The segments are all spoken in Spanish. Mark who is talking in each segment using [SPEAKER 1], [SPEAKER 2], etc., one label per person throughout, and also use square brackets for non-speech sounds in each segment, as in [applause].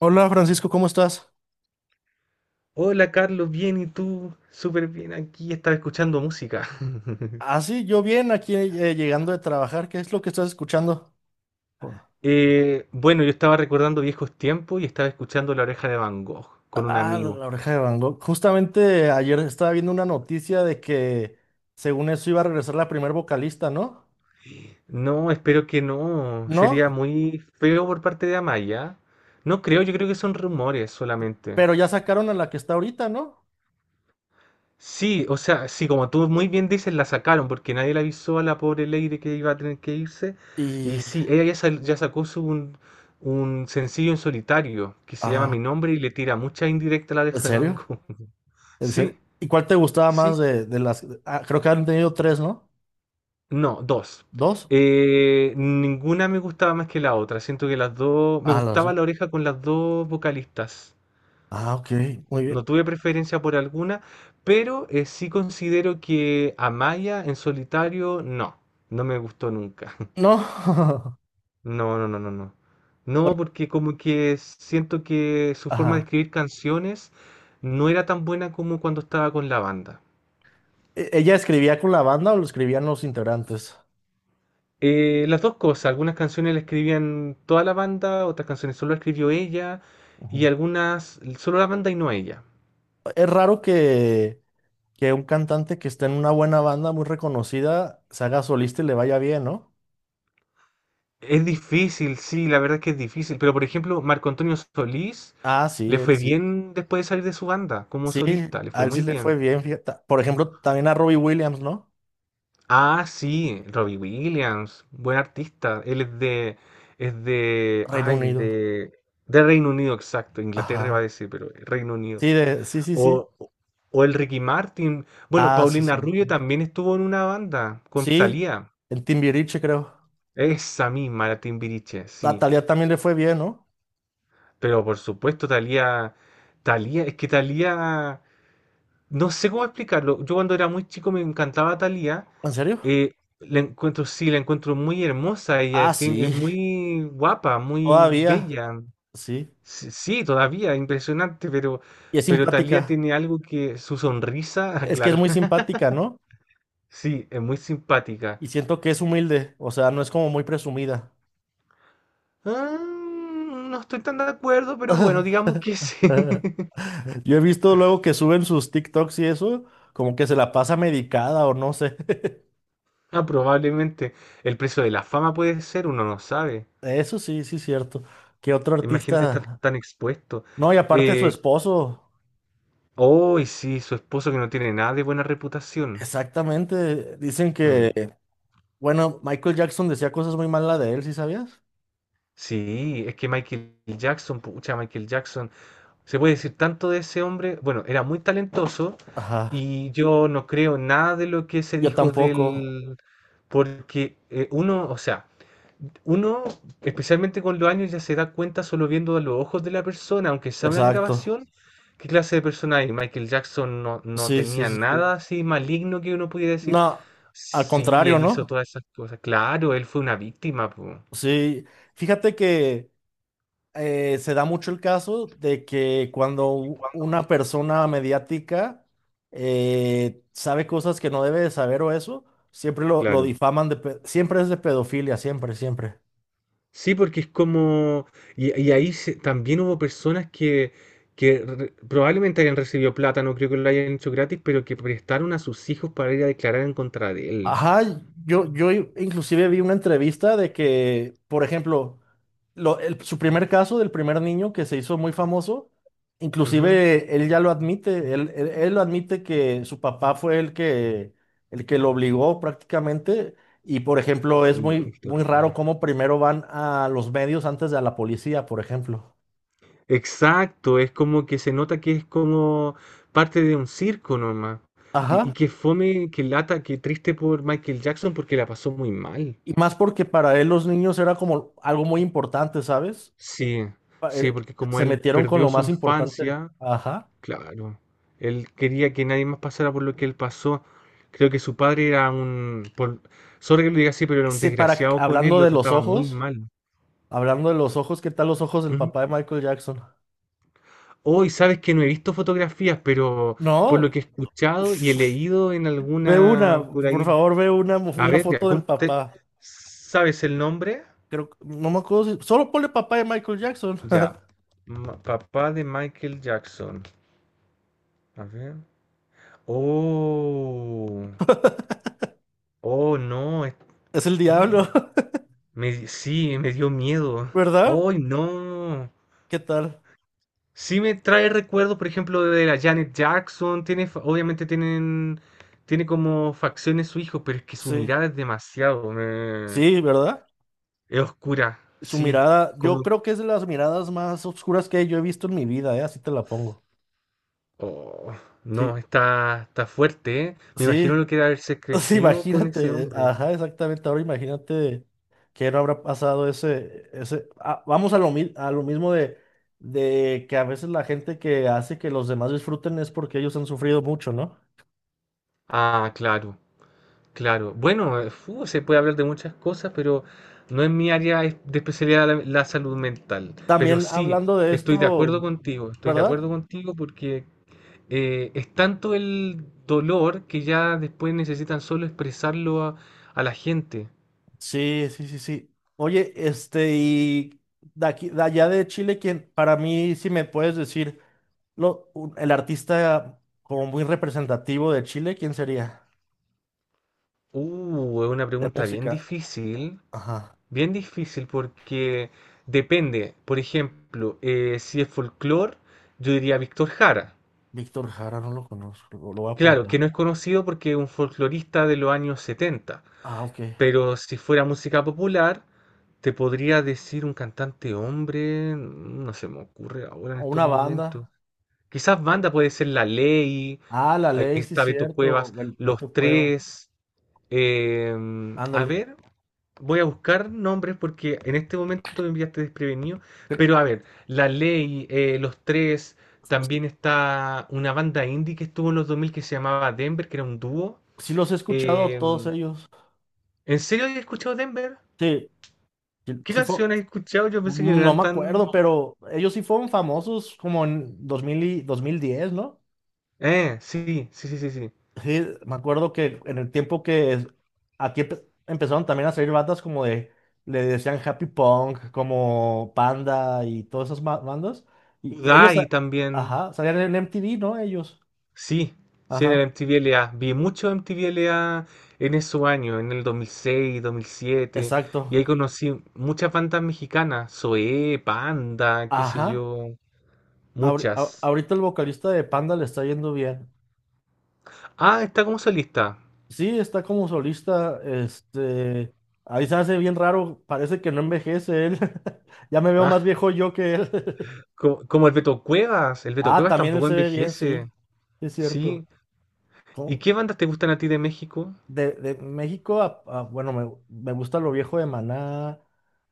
[SPEAKER 1] Hola Francisco, ¿cómo estás?
[SPEAKER 2] Hola Carlos, bien y tú, súper bien aquí, estaba escuchando música.
[SPEAKER 1] Ah, sí, yo bien, aquí llegando de trabajar. ¿Qué es lo que estás escuchando?
[SPEAKER 2] Bueno, yo estaba recordando viejos tiempos y estaba escuchando La Oreja de Van Gogh con un
[SPEAKER 1] Ah, la
[SPEAKER 2] amigo.
[SPEAKER 1] la oreja de Van Gogh. Justamente ayer estaba viendo una noticia de que según eso iba a regresar la primer vocalista, ¿no?
[SPEAKER 2] No, espero que no, sería
[SPEAKER 1] No,
[SPEAKER 2] muy feo por parte de Amaya. No creo, yo creo que son rumores solamente.
[SPEAKER 1] pero ya sacaron a la que está ahorita, ¿no?
[SPEAKER 2] Sí, o sea, sí, como tú muy bien dices, la sacaron porque nadie le avisó a la pobre Lady que iba a tener que irse. Y
[SPEAKER 1] Y...
[SPEAKER 2] sí, ella ya sacó un sencillo en solitario que se llama Mi
[SPEAKER 1] Ah,
[SPEAKER 2] Nombre y le tira mucha indirecta a la
[SPEAKER 1] ¿en
[SPEAKER 2] oreja de Van
[SPEAKER 1] serio?
[SPEAKER 2] Gogh. [laughs]
[SPEAKER 1] ¿En serio?
[SPEAKER 2] Sí,
[SPEAKER 1] ¿Y cuál te gustaba más
[SPEAKER 2] sí,
[SPEAKER 1] de las... Ah, creo que han tenido tres, ¿no?
[SPEAKER 2] no, dos.
[SPEAKER 1] ¿Dos?
[SPEAKER 2] Ninguna me gustaba más que la otra. Siento que las dos, me
[SPEAKER 1] Ah, las
[SPEAKER 2] gustaba
[SPEAKER 1] dos.
[SPEAKER 2] la oreja con las dos vocalistas.
[SPEAKER 1] Ah, ok, muy
[SPEAKER 2] No
[SPEAKER 1] bien.
[SPEAKER 2] tuve preferencia por alguna, pero sí considero que Amaya en solitario no, no me gustó nunca. [laughs]
[SPEAKER 1] No. [laughs]
[SPEAKER 2] No, no, no, no, no.
[SPEAKER 1] Oye,
[SPEAKER 2] No, porque como que siento que su forma de
[SPEAKER 1] ajá.
[SPEAKER 2] escribir canciones no era tan buena como cuando estaba con la banda.
[SPEAKER 1] ¿Ella escribía con la banda o lo escribían los integrantes?
[SPEAKER 2] Las dos cosas, algunas canciones las escribían toda la banda, otras canciones solo la escribió ella y
[SPEAKER 1] Ujú.
[SPEAKER 2] algunas solo la banda y no ella.
[SPEAKER 1] Es raro que un cantante que está en una buena banda muy reconocida se haga solista y le vaya bien, ¿no?
[SPEAKER 2] Es difícil, sí, la verdad es que es difícil. Pero por ejemplo, Marco Antonio Solís
[SPEAKER 1] Ah, sí,
[SPEAKER 2] le
[SPEAKER 1] él
[SPEAKER 2] fue
[SPEAKER 1] sí.
[SPEAKER 2] bien después de salir de su banda como
[SPEAKER 1] Sí,
[SPEAKER 2] solista, le
[SPEAKER 1] a
[SPEAKER 2] fue
[SPEAKER 1] él sí
[SPEAKER 2] muy
[SPEAKER 1] le
[SPEAKER 2] bien.
[SPEAKER 1] fue bien, fíjate. Por ejemplo, también a Robbie Williams, ¿no?
[SPEAKER 2] Ah, sí, Robbie Williams, buen artista. Él es de, es de,
[SPEAKER 1] Reino
[SPEAKER 2] ay,
[SPEAKER 1] Unido.
[SPEAKER 2] de, de Reino Unido, exacto. Inglaterra va a
[SPEAKER 1] Ajá.
[SPEAKER 2] decir, pero Reino Unido.
[SPEAKER 1] Sí, de, sí, sí, sí.
[SPEAKER 2] O, o el Ricky Martin. Bueno,
[SPEAKER 1] Ah, sí,
[SPEAKER 2] Paulina
[SPEAKER 1] sí.
[SPEAKER 2] Rubio también estuvo en una banda con
[SPEAKER 1] Sí,
[SPEAKER 2] Thalía.
[SPEAKER 1] en Timbiriche, creo.
[SPEAKER 2] Esa misma, la Timbiriche,
[SPEAKER 1] A
[SPEAKER 2] sí.
[SPEAKER 1] Thalía también le fue bien, ¿no?
[SPEAKER 2] Pero por supuesto, es que Talía, no sé cómo explicarlo. Yo cuando era muy chico me encantaba Talía.
[SPEAKER 1] ¿En serio?
[SPEAKER 2] Eh, la encuentro, sí, la encuentro muy hermosa.
[SPEAKER 1] Ah,
[SPEAKER 2] Ella es
[SPEAKER 1] sí.
[SPEAKER 2] muy guapa, muy
[SPEAKER 1] Todavía,
[SPEAKER 2] bella.
[SPEAKER 1] sí.
[SPEAKER 2] Sí, sí, todavía, impresionante, pero,
[SPEAKER 1] Y es
[SPEAKER 2] pero Talía
[SPEAKER 1] simpática.
[SPEAKER 2] tiene algo que su sonrisa, [laughs] ah,
[SPEAKER 1] Es que es
[SPEAKER 2] claro,
[SPEAKER 1] muy
[SPEAKER 2] [laughs]
[SPEAKER 1] simpática, ¿no?
[SPEAKER 2] sí, es muy simpática.
[SPEAKER 1] Y siento que es humilde, o sea, no es como muy presumida.
[SPEAKER 2] Ah, no estoy tan de acuerdo, pero bueno, digamos que sí.
[SPEAKER 1] [laughs]
[SPEAKER 2] [laughs]
[SPEAKER 1] Yo he visto luego que suben sus TikToks y eso, como que se la pasa medicada o no sé. [laughs]
[SPEAKER 2] Ah, probablemente el precio de la fama puede ser, uno no sabe.
[SPEAKER 1] Eso sí, sí es cierto. ¿Qué otro
[SPEAKER 2] Imagínate estar
[SPEAKER 1] artista?
[SPEAKER 2] tan expuesto.
[SPEAKER 1] No, y aparte su
[SPEAKER 2] Eh,
[SPEAKER 1] esposo.
[SPEAKER 2] oh, y sí, su esposo que no tiene nada de buena reputación.
[SPEAKER 1] Exactamente. Dicen
[SPEAKER 2] Mm.
[SPEAKER 1] que, bueno, Michael Jackson decía cosas muy malas de él, ¿sí sabías?
[SPEAKER 2] Sí, es que Michael Jackson, se puede decir tanto de ese hombre. Bueno, era muy talentoso
[SPEAKER 1] Ajá.
[SPEAKER 2] y yo no creo nada de lo que se
[SPEAKER 1] Yo
[SPEAKER 2] dijo
[SPEAKER 1] tampoco.
[SPEAKER 2] del, porque uno, o sea, uno, especialmente con los años, ya se da cuenta solo viendo a los ojos de la persona, aunque sea una
[SPEAKER 1] Exacto.
[SPEAKER 2] grabación, qué clase de persona hay. Michael Jackson no, no
[SPEAKER 1] Sí, sí,
[SPEAKER 2] tenía
[SPEAKER 1] sí, sí.
[SPEAKER 2] nada así maligno que uno pudiera decir,
[SPEAKER 1] No, al
[SPEAKER 2] sí,
[SPEAKER 1] contrario,
[SPEAKER 2] él hizo
[SPEAKER 1] ¿no?
[SPEAKER 2] todas esas cosas. Claro, él fue una víctima, po.
[SPEAKER 1] Sí. Fíjate que se da mucho el caso de que cuando una persona mediática sabe cosas que no debe de saber o eso, siempre lo
[SPEAKER 2] Claro.
[SPEAKER 1] difaman de, siempre es de pedofilia, siempre, siempre.
[SPEAKER 2] Sí, porque es como... Y ahí también hubo personas que, probablemente hayan recibido plata, no creo que lo hayan hecho gratis, pero que prestaron a sus hijos para ir a declarar en contra de él.
[SPEAKER 1] Ajá, yo inclusive vi una entrevista de que, por ejemplo, su primer caso del primer niño que se hizo muy famoso,
[SPEAKER 2] Ujú.
[SPEAKER 1] inclusive él ya lo admite, él lo admite que su papá fue el que lo obligó prácticamente y, por ejemplo, es
[SPEAKER 2] Ay, no,
[SPEAKER 1] muy,
[SPEAKER 2] es
[SPEAKER 1] muy raro
[SPEAKER 2] terrible.
[SPEAKER 1] cómo primero van a los medios antes de a la policía, por ejemplo.
[SPEAKER 2] Exacto, es como que se nota que es como parte de un circo nomás. Y
[SPEAKER 1] Ajá,
[SPEAKER 2] que fome, que lata, que triste por Michael Jackson porque la pasó muy mal.
[SPEAKER 1] y más porque para él los niños era como algo muy importante, ¿sabes?
[SPEAKER 2] Sí,
[SPEAKER 1] Pa-
[SPEAKER 2] sí,
[SPEAKER 1] él-
[SPEAKER 2] porque como
[SPEAKER 1] Se
[SPEAKER 2] él
[SPEAKER 1] metieron con
[SPEAKER 2] perdió
[SPEAKER 1] lo
[SPEAKER 2] su
[SPEAKER 1] más importante.
[SPEAKER 2] infancia,
[SPEAKER 1] Ajá.
[SPEAKER 2] claro, él quería que nadie más pasara por lo que él pasó. Creo que su padre era sorry que lo diga así, pero era un
[SPEAKER 1] Ese para,
[SPEAKER 2] desgraciado con él,
[SPEAKER 1] hablando
[SPEAKER 2] lo
[SPEAKER 1] de los
[SPEAKER 2] trataba muy
[SPEAKER 1] ojos,
[SPEAKER 2] mal.
[SPEAKER 1] hablando de los ojos, ¿qué tal los ojos del
[SPEAKER 2] Ujú.
[SPEAKER 1] papá de Michael Jackson?
[SPEAKER 2] Hoy sabes que no he visto fotografías, pero por lo
[SPEAKER 1] No,
[SPEAKER 2] que he escuchado y he leído en
[SPEAKER 1] ve una,
[SPEAKER 2] alguna por
[SPEAKER 1] por
[SPEAKER 2] ahí.
[SPEAKER 1] favor, ve una,
[SPEAKER 2] A
[SPEAKER 1] una
[SPEAKER 2] ver, ya,
[SPEAKER 1] foto del papá.
[SPEAKER 2] ¿Sabes el nombre?
[SPEAKER 1] Creo, no me acuerdo si, solo ponle papá de Michael Jackson. [laughs]
[SPEAKER 2] Ya. Papá de Michael Jackson. A ver. Oh, oh, no.
[SPEAKER 1] Es el diablo,
[SPEAKER 2] [gasps]
[SPEAKER 1] [laughs]
[SPEAKER 2] Sí, me dio miedo.
[SPEAKER 1] ¿verdad?
[SPEAKER 2] ¡Ay, no!
[SPEAKER 1] ¿Qué tal?
[SPEAKER 2] Sí me trae recuerdo, por ejemplo, de la Janet Jackson. Obviamente tiene como facciones su hijo, pero es que su
[SPEAKER 1] Sí,
[SPEAKER 2] mirada es demasiado.
[SPEAKER 1] sí, ¿verdad?
[SPEAKER 2] Es oscura,
[SPEAKER 1] Su
[SPEAKER 2] sí.
[SPEAKER 1] mirada,
[SPEAKER 2] Como.
[SPEAKER 1] yo creo que es de las miradas más oscuras que yo he visto en mi vida, ¿eh? Así te la pongo.
[SPEAKER 2] Oh,
[SPEAKER 1] Sí,
[SPEAKER 2] no, está fuerte, ¿eh? Me imagino
[SPEAKER 1] sí,
[SPEAKER 2] lo que era haberse
[SPEAKER 1] [laughs] sí,
[SPEAKER 2] crecido con ese
[SPEAKER 1] imagínate,
[SPEAKER 2] hombre.
[SPEAKER 1] ajá, exactamente. Ahora imagínate que no habrá pasado ese, ese. Ah, vamos a lo, a lo mismo de que a veces la gente que hace que los demás disfruten es porque ellos han sufrido mucho, ¿no?
[SPEAKER 2] Ah, claro, claro. Bueno, se puede hablar de muchas cosas, pero no es mi área de especialidad la salud mental. Pero
[SPEAKER 1] También
[SPEAKER 2] sí,
[SPEAKER 1] hablando de
[SPEAKER 2] estoy de acuerdo
[SPEAKER 1] esto,
[SPEAKER 2] contigo,
[SPEAKER 1] ¿verdad?
[SPEAKER 2] porque es tanto el dolor que ya después necesitan solo expresarlo a la gente.
[SPEAKER 1] Sí, sí, sí, sí. Oye, este, y de aquí, de allá de Chile, quien para mí, si me puedes decir, el artista como muy representativo de Chile, ¿quién sería?
[SPEAKER 2] Es una
[SPEAKER 1] De
[SPEAKER 2] pregunta bien
[SPEAKER 1] música.
[SPEAKER 2] difícil.
[SPEAKER 1] Ajá.
[SPEAKER 2] Bien difícil porque depende, por ejemplo, si es folclore, yo diría Víctor Jara.
[SPEAKER 1] Víctor Jara, no lo conozco, lo voy a
[SPEAKER 2] Claro,
[SPEAKER 1] apuntar.
[SPEAKER 2] que no es conocido porque es un folclorista de los años setenta,
[SPEAKER 1] Ah, ok.
[SPEAKER 2] pero si fuera música popular, te podría decir un cantante hombre, no se me ocurre ahora en
[SPEAKER 1] O
[SPEAKER 2] estos
[SPEAKER 1] una
[SPEAKER 2] momentos.
[SPEAKER 1] banda.
[SPEAKER 2] Quizás banda puede ser La Ley,
[SPEAKER 1] Ah, La
[SPEAKER 2] ahí
[SPEAKER 1] Ley, sí,
[SPEAKER 2] está Beto
[SPEAKER 1] cierto.
[SPEAKER 2] Cuevas,
[SPEAKER 1] El
[SPEAKER 2] Los
[SPEAKER 1] Beto Cueva.
[SPEAKER 2] Tres. A
[SPEAKER 1] Ándale.
[SPEAKER 2] ver, voy a buscar nombres porque en este momento me enviaste desprevenido.
[SPEAKER 1] Cre-
[SPEAKER 2] Pero a ver, La Ley, Los Tres,
[SPEAKER 1] Sí,
[SPEAKER 2] también está una banda indie que estuvo en los 2000 que se llamaba Denver, que era un dúo.
[SPEAKER 1] sí los he escuchado a
[SPEAKER 2] Eh,
[SPEAKER 1] todos ellos.
[SPEAKER 2] ¿En serio has escuchado Denver?
[SPEAKER 1] Sí, sí,
[SPEAKER 2] ¿Qué
[SPEAKER 1] sí fue,
[SPEAKER 2] canciones has escuchado? Yo pensé que no
[SPEAKER 1] no
[SPEAKER 2] eran
[SPEAKER 1] me
[SPEAKER 2] tan...
[SPEAKER 1] acuerdo, pero ellos sí fueron famosos como en 2000 y 2010, ¿no?
[SPEAKER 2] Sí, sí, sí, sí, sí.
[SPEAKER 1] Sí, me acuerdo que en el tiempo aquí empezaron también a salir bandas como de, le decían Happy Punk, como Panda y todas esas bandas. Y ellos,
[SPEAKER 2] Udai también.
[SPEAKER 1] ajá, salían en MTV, ¿no? Ellos,
[SPEAKER 2] Sí, sí, en
[SPEAKER 1] ajá,
[SPEAKER 2] el MTV LA. Vi mucho MTV LA en esos años, en el 2006 dos mil siete. Y
[SPEAKER 1] exacto,
[SPEAKER 2] ahí conocí muchas bandas mexicanas. Zoé, Panda, qué sé
[SPEAKER 1] ajá.
[SPEAKER 2] yo. Muchas.
[SPEAKER 1] Ahorita el vocalista de Panda le está yendo bien.
[SPEAKER 2] Ah, está como solista.
[SPEAKER 1] Sí, está como solista, este, ahí se hace bien raro, parece que no envejece él. [laughs] Ya me veo
[SPEAKER 2] Ah,
[SPEAKER 1] más viejo yo que él. [laughs]
[SPEAKER 2] como el Beto Cuevas. El Beto
[SPEAKER 1] Ah,
[SPEAKER 2] Cuevas
[SPEAKER 1] también él
[SPEAKER 2] tampoco
[SPEAKER 1] se ve bien, sí,
[SPEAKER 2] envejece.
[SPEAKER 1] sí es cierto.
[SPEAKER 2] Sí. ¿Y
[SPEAKER 1] ¿Cómo?
[SPEAKER 2] qué bandas te gustan a ti de México?
[SPEAKER 1] De México, bueno, me gusta lo viejo de Maná,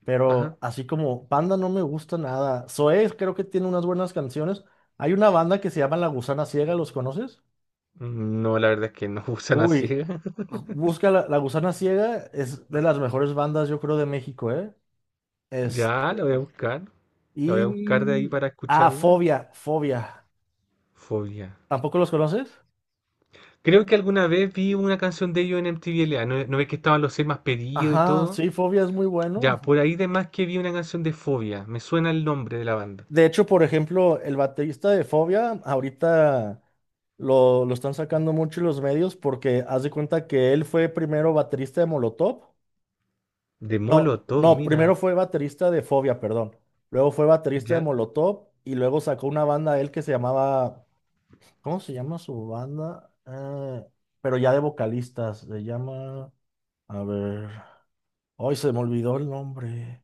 [SPEAKER 1] pero
[SPEAKER 2] Ajá.
[SPEAKER 1] así como banda no me gusta nada. Zoé creo que tiene unas buenas canciones. Hay una banda que se llama La Gusana Ciega, ¿los conoces?
[SPEAKER 2] No, la verdad es que no [laughs] usan así.
[SPEAKER 1] Uy, busca La Gusana Ciega, es de las mejores bandas, yo creo, de México, ¿eh? Es,
[SPEAKER 2] Ya, la voy a buscar. La voy a buscar de ahí
[SPEAKER 1] y...
[SPEAKER 2] para
[SPEAKER 1] Ah,
[SPEAKER 2] escucharla.
[SPEAKER 1] Fobia.
[SPEAKER 2] Fobia.
[SPEAKER 1] ¿Tampoco los conoces?
[SPEAKER 2] Creo que alguna vez vi una canción de ellos en MTV LA. ¿No, no ves que estaban los seis más pedidos y
[SPEAKER 1] Ajá,
[SPEAKER 2] todo?
[SPEAKER 1] sí, Fobia es muy
[SPEAKER 2] Ya,
[SPEAKER 1] bueno.
[SPEAKER 2] por ahí de más que vi una canción de Fobia. Me suena el nombre de la banda.
[SPEAKER 1] De hecho, por ejemplo, el baterista de Fobia ahorita lo están sacando mucho los medios porque haz de cuenta que él fue primero baterista de Molotov.
[SPEAKER 2] De
[SPEAKER 1] No,
[SPEAKER 2] Molotov,
[SPEAKER 1] no,
[SPEAKER 2] mira.
[SPEAKER 1] primero fue baterista de Fobia, perdón. Luego fue baterista de
[SPEAKER 2] Ya.
[SPEAKER 1] Molotov y luego sacó una banda él que se llamaba, ¿cómo se llama su banda? Pero ya de vocalistas, se llama, a ver, hoy se me olvidó el nombre.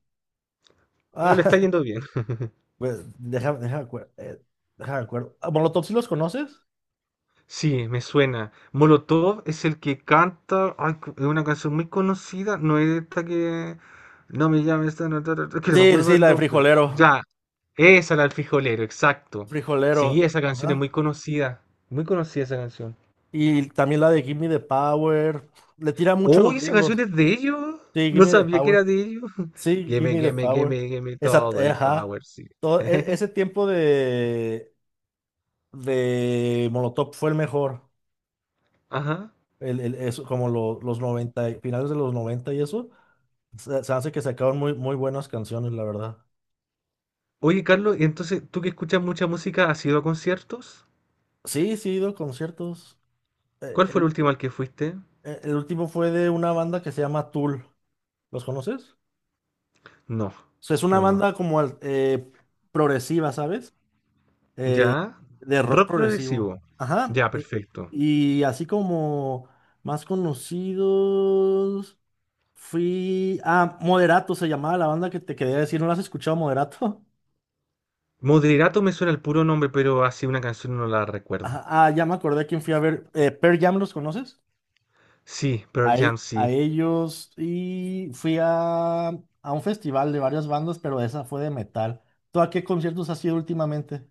[SPEAKER 2] Pero le está
[SPEAKER 1] Ah,
[SPEAKER 2] yendo bien. [laughs]
[SPEAKER 1] [laughs] pues déjame acuerdo. Ah, ¿Molotov sí los conoces?
[SPEAKER 2] Sí, me suena. Molotov es el que canta. Ay, es una canción muy conocida. No es esta que. No me llames, esta, no, ta, ta, ta, que no me
[SPEAKER 1] Sí,
[SPEAKER 2] acuerdo
[SPEAKER 1] sí,
[SPEAKER 2] del
[SPEAKER 1] la de
[SPEAKER 2] nombre.
[SPEAKER 1] Frijolero.
[SPEAKER 2] Ya. Esa, la del frijolero, exacto. Sí,
[SPEAKER 1] Frijolero.
[SPEAKER 2] esa canción es muy
[SPEAKER 1] Ajá.
[SPEAKER 2] conocida. Muy conocida esa canción.
[SPEAKER 1] Y también la de Gimme the Power. Le tira mucho a los
[SPEAKER 2] Uy, esa canción
[SPEAKER 1] gringos.
[SPEAKER 2] es de ellos.
[SPEAKER 1] Sí,
[SPEAKER 2] No
[SPEAKER 1] Gimme the
[SPEAKER 2] sabía que era
[SPEAKER 1] Power.
[SPEAKER 2] de ellos. [laughs]
[SPEAKER 1] Sí,
[SPEAKER 2] Game,
[SPEAKER 1] Gimme the
[SPEAKER 2] game,
[SPEAKER 1] Power.
[SPEAKER 2] game, game,
[SPEAKER 1] Esa,
[SPEAKER 2] todo el
[SPEAKER 1] ajá.
[SPEAKER 2] power, sí.
[SPEAKER 1] Todo, ese
[SPEAKER 2] [laughs]
[SPEAKER 1] tiempo de Molotov fue el mejor.
[SPEAKER 2] Ajá.
[SPEAKER 1] Eso, como los 90 finales de los 90 y eso. Se hace que sacaron muy, muy buenas canciones, la verdad.
[SPEAKER 2] Oye, Carlos, y entonces, tú que escuchas mucha música, ¿has ido a conciertos?
[SPEAKER 1] Sí, sí, he ido a conciertos. Eh,
[SPEAKER 2] ¿Cuál fue el
[SPEAKER 1] El,
[SPEAKER 2] último al que fuiste?
[SPEAKER 1] el último fue de una banda que se llama Tool. ¿Los conoces?
[SPEAKER 2] No,
[SPEAKER 1] O sea, es una
[SPEAKER 2] no, no. No.
[SPEAKER 1] banda como progresiva, ¿sabes? eh,
[SPEAKER 2] ¿Ya?
[SPEAKER 1] de rock
[SPEAKER 2] Rock
[SPEAKER 1] progresivo.
[SPEAKER 2] progresivo.
[SPEAKER 1] Ajá.
[SPEAKER 2] Ya, perfecto.
[SPEAKER 1] Y así como más conocidos, fui a Moderato, se llamaba la banda que te quería decir, ¿no la has escuchado, Moderato? [laughs]
[SPEAKER 2] Moderato me suena el puro nombre, pero así una canción no la recuerdo.
[SPEAKER 1] Ya me acordé a quién fui a ver. Pearl Jam, ¿los conoces?
[SPEAKER 2] Sí, Pearl
[SPEAKER 1] A,
[SPEAKER 2] Jam
[SPEAKER 1] a
[SPEAKER 2] sí.
[SPEAKER 1] ellos y a un festival de varias bandas, pero esa fue de metal. ¿Tú a qué conciertos has ido últimamente?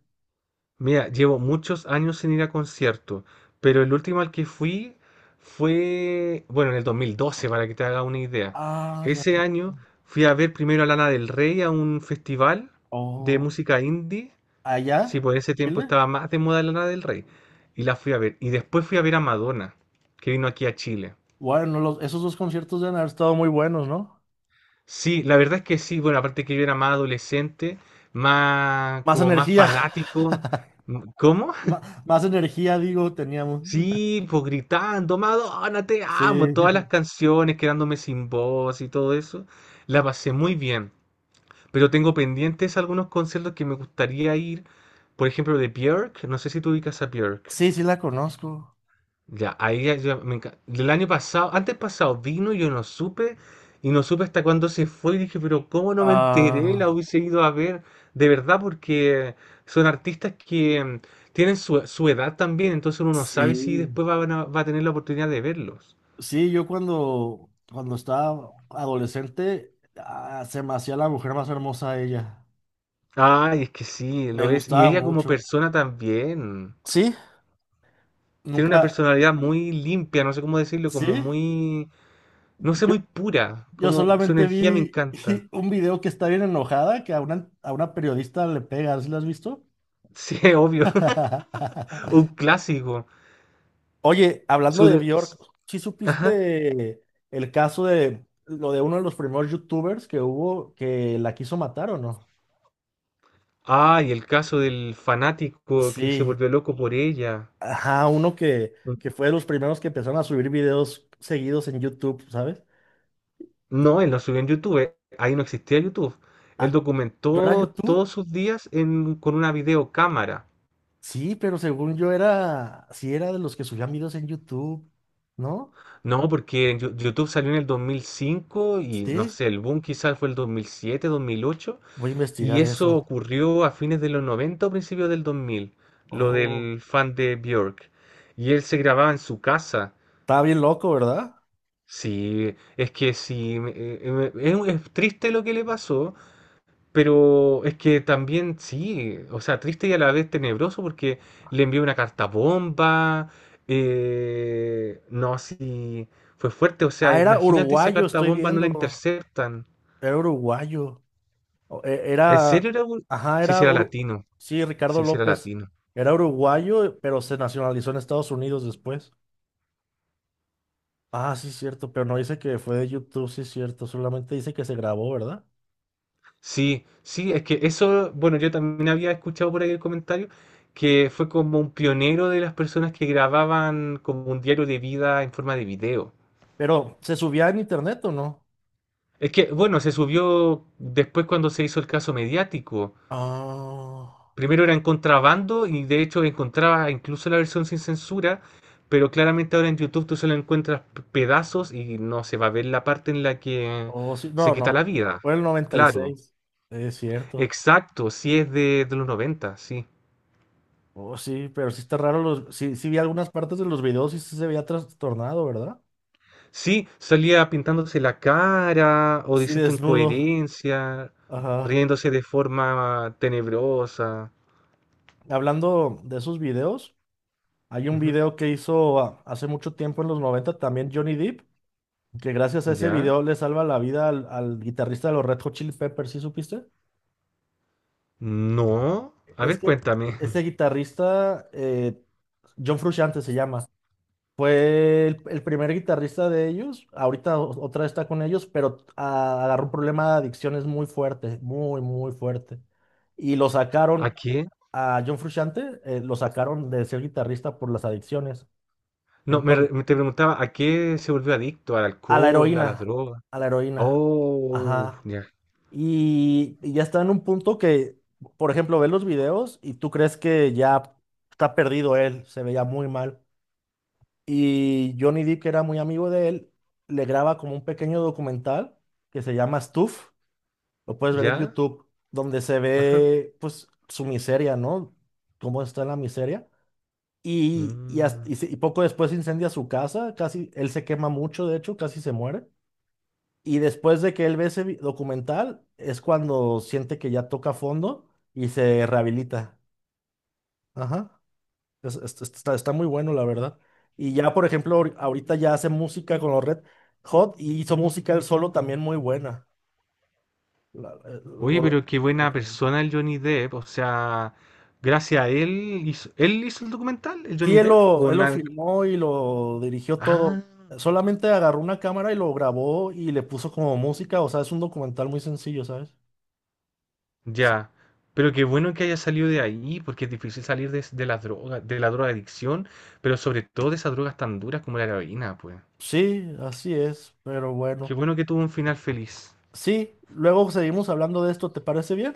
[SPEAKER 2] Mira, llevo muchos años sin ir a conciertos, pero el último al que fui fue, bueno, en el 2012, para que te haga una idea.
[SPEAKER 1] Ah, ya.
[SPEAKER 2] Ese
[SPEAKER 1] Sé.
[SPEAKER 2] año fui a ver primero a Lana del Rey a un festival de
[SPEAKER 1] Oh,
[SPEAKER 2] música indie. Sí,
[SPEAKER 1] ¿allá?
[SPEAKER 2] por ese tiempo
[SPEAKER 1] ¿Chile?
[SPEAKER 2] estaba más de moda Lana del Rey. Y la fui a ver. Y después fui a ver a Madonna, que vino aquí a Chile.
[SPEAKER 1] Bueno, esos dos conciertos deben haber estado muy buenos, ¿no?
[SPEAKER 2] Sí, la verdad es que sí, bueno, aparte que yo era más adolescente, más,
[SPEAKER 1] Más
[SPEAKER 2] como más
[SPEAKER 1] energía, [laughs]
[SPEAKER 2] fanático. ¿Cómo?
[SPEAKER 1] ma- más energía, digo, teníamos.
[SPEAKER 2] Sí, pues gritando, Madonna, te
[SPEAKER 1] Sí,
[SPEAKER 2] amo, todas las canciones, quedándome sin voz y todo eso, la pasé muy bien. Pero tengo pendientes algunos conciertos que me gustaría ir, por ejemplo, de Björk, no sé si tú ubicas a Björk.
[SPEAKER 1] sí, sí la conozco.
[SPEAKER 2] Ya, ahí el año pasado, antes pasado vino, yo no supe, y no supe hasta cuándo se fue, y dije, pero ¿cómo no me enteré? La
[SPEAKER 1] Ah,
[SPEAKER 2] hubiese ido a ver, de verdad, porque son artistas que tienen su edad también, entonces uno no sabe si
[SPEAKER 1] sí.
[SPEAKER 2] después va a tener la oportunidad de verlos.
[SPEAKER 1] Sí, cuando estaba adolescente, ah, se me hacía la mujer más hermosa ella.
[SPEAKER 2] Ay, es que sí,
[SPEAKER 1] Me
[SPEAKER 2] lo es. Y
[SPEAKER 1] gustaba
[SPEAKER 2] ella como
[SPEAKER 1] mucho.
[SPEAKER 2] persona también.
[SPEAKER 1] ¿Sí?
[SPEAKER 2] Tiene una
[SPEAKER 1] Nunca,
[SPEAKER 2] personalidad muy limpia, no sé cómo decirlo, como
[SPEAKER 1] ¿sí?
[SPEAKER 2] muy, no sé,
[SPEAKER 1] Yo,
[SPEAKER 2] muy pura,
[SPEAKER 1] yo
[SPEAKER 2] como su
[SPEAKER 1] solamente
[SPEAKER 2] energía me
[SPEAKER 1] vi
[SPEAKER 2] encanta.
[SPEAKER 1] [laughs] un video que está bien enojada, que a a una periodista le pega, ¿sí lo has visto?
[SPEAKER 2] Sí, [laughs] obvio, [laughs] un
[SPEAKER 1] [laughs]
[SPEAKER 2] clásico.
[SPEAKER 1] Oye, hablando
[SPEAKER 2] Su
[SPEAKER 1] de
[SPEAKER 2] de- s-
[SPEAKER 1] Bjork, ¿sí
[SPEAKER 2] ajá.
[SPEAKER 1] supiste el caso de lo de uno de los primeros youtubers que hubo que la quiso matar o no?
[SPEAKER 2] Ah, y el caso del fanático que se
[SPEAKER 1] Sí,
[SPEAKER 2] volvió loco por ella.
[SPEAKER 1] ajá, uno que fue de los primeros que empezaron a subir videos seguidos en YouTube, ¿sabes?
[SPEAKER 2] No, él no subió en YouTube. Ahí no existía YouTube. Él
[SPEAKER 1] Ah, ¿no era
[SPEAKER 2] documentó todos
[SPEAKER 1] YouTube?
[SPEAKER 2] sus días con una videocámara.
[SPEAKER 1] Sí, pero según yo era, sí era de los que subían videos en YouTube, ¿no?
[SPEAKER 2] No, porque en YouTube salió en el 2005 y no
[SPEAKER 1] Sí,
[SPEAKER 2] sé, el boom quizás fue el 2007 2008.
[SPEAKER 1] voy a
[SPEAKER 2] Y
[SPEAKER 1] investigar
[SPEAKER 2] eso
[SPEAKER 1] eso.
[SPEAKER 2] ocurrió a fines de los 90 o principios del dos mil, lo
[SPEAKER 1] Oh,
[SPEAKER 2] del fan de Björk. Y él se grababa en su casa.
[SPEAKER 1] estaba bien loco, ¿verdad?
[SPEAKER 2] Sí, es que sí, es triste lo que le pasó, pero es que también sí, o sea, triste y a la vez tenebroso porque le envió una carta bomba, no, sí, fue fuerte, o sea,
[SPEAKER 1] Ah, era
[SPEAKER 2] imagínate esa
[SPEAKER 1] uruguayo,
[SPEAKER 2] carta
[SPEAKER 1] estoy
[SPEAKER 2] bomba no
[SPEAKER 1] viendo.
[SPEAKER 2] la interceptan.
[SPEAKER 1] Era uruguayo.
[SPEAKER 2] ¿En
[SPEAKER 1] Era,
[SPEAKER 2] serio era?
[SPEAKER 1] ajá,
[SPEAKER 2] Si sí, sí era latino.
[SPEAKER 1] sí, Ricardo
[SPEAKER 2] Si sí, sí era
[SPEAKER 1] López.
[SPEAKER 2] latino.
[SPEAKER 1] Era uruguayo, pero se nacionalizó en Estados Unidos después. Ah, sí, cierto, pero no dice que fue de YouTube, sí, cierto. Solamente dice que se grabó, ¿verdad?
[SPEAKER 2] Sí, sí, es que eso, bueno, yo también había escuchado por ahí el comentario que fue como un pionero de las personas que grababan como un diario de vida en forma de video.
[SPEAKER 1] Pero, ¿se subía en internet o no?
[SPEAKER 2] Es que, bueno, se subió después cuando se hizo el caso mediático.
[SPEAKER 1] Ah,
[SPEAKER 2] Primero era en contrabando y de hecho encontraba incluso la versión sin censura, pero claramente ahora en YouTube tú solo encuentras pedazos y no se va a ver la parte en la que
[SPEAKER 1] oh, sí,
[SPEAKER 2] se
[SPEAKER 1] no,
[SPEAKER 2] quita
[SPEAKER 1] no.
[SPEAKER 2] la vida.
[SPEAKER 1] Fue el noventa y
[SPEAKER 2] Claro,
[SPEAKER 1] seis, es cierto.
[SPEAKER 2] exacto, sí es de los 90, sí.
[SPEAKER 1] Oh, sí, pero sí está raro. Los, sí, sí vi algunas partes de los videos y sí se veía trastornado, ¿verdad?
[SPEAKER 2] Sí, salía pintándose la cara o
[SPEAKER 1] Sí,
[SPEAKER 2] diciendo
[SPEAKER 1] desnudo.
[SPEAKER 2] incoherencia,
[SPEAKER 1] Ajá.
[SPEAKER 2] riéndose de forma tenebrosa.
[SPEAKER 1] Hablando de esos videos. Hay un
[SPEAKER 2] Ujú.
[SPEAKER 1] video que hizo ah, hace mucho tiempo en los 90 también Johnny Depp, que gracias a ese
[SPEAKER 2] ¿Ya?
[SPEAKER 1] video le salva la vida al guitarrista de los Red Hot Chili Peppers, ¿sí supiste?
[SPEAKER 2] No. A
[SPEAKER 1] Es
[SPEAKER 2] ver,
[SPEAKER 1] que
[SPEAKER 2] cuéntame.
[SPEAKER 1] ese
[SPEAKER 2] [laughs]
[SPEAKER 1] guitarrista, John Frusciante se llama, fue el primer guitarrista de ellos, ahorita otra vez está con ellos, pero ah, agarró un problema de adicciones muy fuerte, muy, muy fuerte. Y lo
[SPEAKER 2] ¿A
[SPEAKER 1] sacaron
[SPEAKER 2] qué?
[SPEAKER 1] a John Frusciante, lo sacaron de ser guitarrista por las adicciones.
[SPEAKER 2] No, me,
[SPEAKER 1] Entonces
[SPEAKER 2] re- me te preguntaba, ¿a qué se volvió adicto? ¿Al
[SPEAKER 1] a la
[SPEAKER 2] alcohol? ¿A las
[SPEAKER 1] heroína,
[SPEAKER 2] drogas?
[SPEAKER 1] a la heroína,
[SPEAKER 2] Oh,
[SPEAKER 1] ajá.
[SPEAKER 2] ya.
[SPEAKER 1] Y ya está en un punto que, por ejemplo, ves los videos y tú crees que ya está perdido él, se veía muy mal. Y Johnny Depp, que era muy amigo de él, le graba como un pequeño documental que se llama Stuff, lo puedes ver en
[SPEAKER 2] ¿Ya?
[SPEAKER 1] YouTube, donde se
[SPEAKER 2] Ajá.
[SPEAKER 1] ve pues su miseria, ¿no? Cómo está en la miseria. Y, y,
[SPEAKER 2] Mm.
[SPEAKER 1] hasta- y se- y poco después incendia su casa, casi, él se quema mucho, de hecho, casi se muere. Y después de que él ve ese documental, es cuando siente que ya toca fondo y se rehabilita. Ajá. Está muy bueno, la verdad. Y ya, por ejemplo, ahorita ya hace música con los Red Hot y hizo música él solo también muy buena. La- eh,
[SPEAKER 2] Oye,
[SPEAKER 1] lo-
[SPEAKER 2] pero qué buena
[SPEAKER 1] Recomiendo.
[SPEAKER 2] persona el Johnny Depp. O sea, gracias a ¿él hizo el documental, el
[SPEAKER 1] Sí,
[SPEAKER 2] Johnny Depp? ¿O
[SPEAKER 1] él lo
[SPEAKER 2] nada?
[SPEAKER 1] filmó y lo dirigió todo.
[SPEAKER 2] Ah.
[SPEAKER 1] Solamente agarró una cámara y lo grabó y le puso como música. O sea, es un documental muy sencillo, ¿sabes?
[SPEAKER 2] Ya, pero qué bueno que haya salido de ahí, porque es difícil salir de la droga, de la drogadicción, pero sobre todo de esas drogas tan duras como la heroína, pues.
[SPEAKER 1] Sí, así es, pero
[SPEAKER 2] Qué
[SPEAKER 1] bueno.
[SPEAKER 2] bueno que tuvo un final feliz.
[SPEAKER 1] Sí, luego seguimos hablando de esto, ¿te parece bien?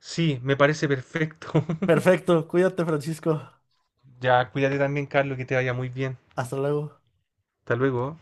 [SPEAKER 2] Sí, me parece perfecto. [laughs]
[SPEAKER 1] Perfecto, cuídate, Francisco.
[SPEAKER 2] Ya, cuídate también, Carlos, que te vaya muy bien.
[SPEAKER 1] Hasta luego.
[SPEAKER 2] Hasta luego.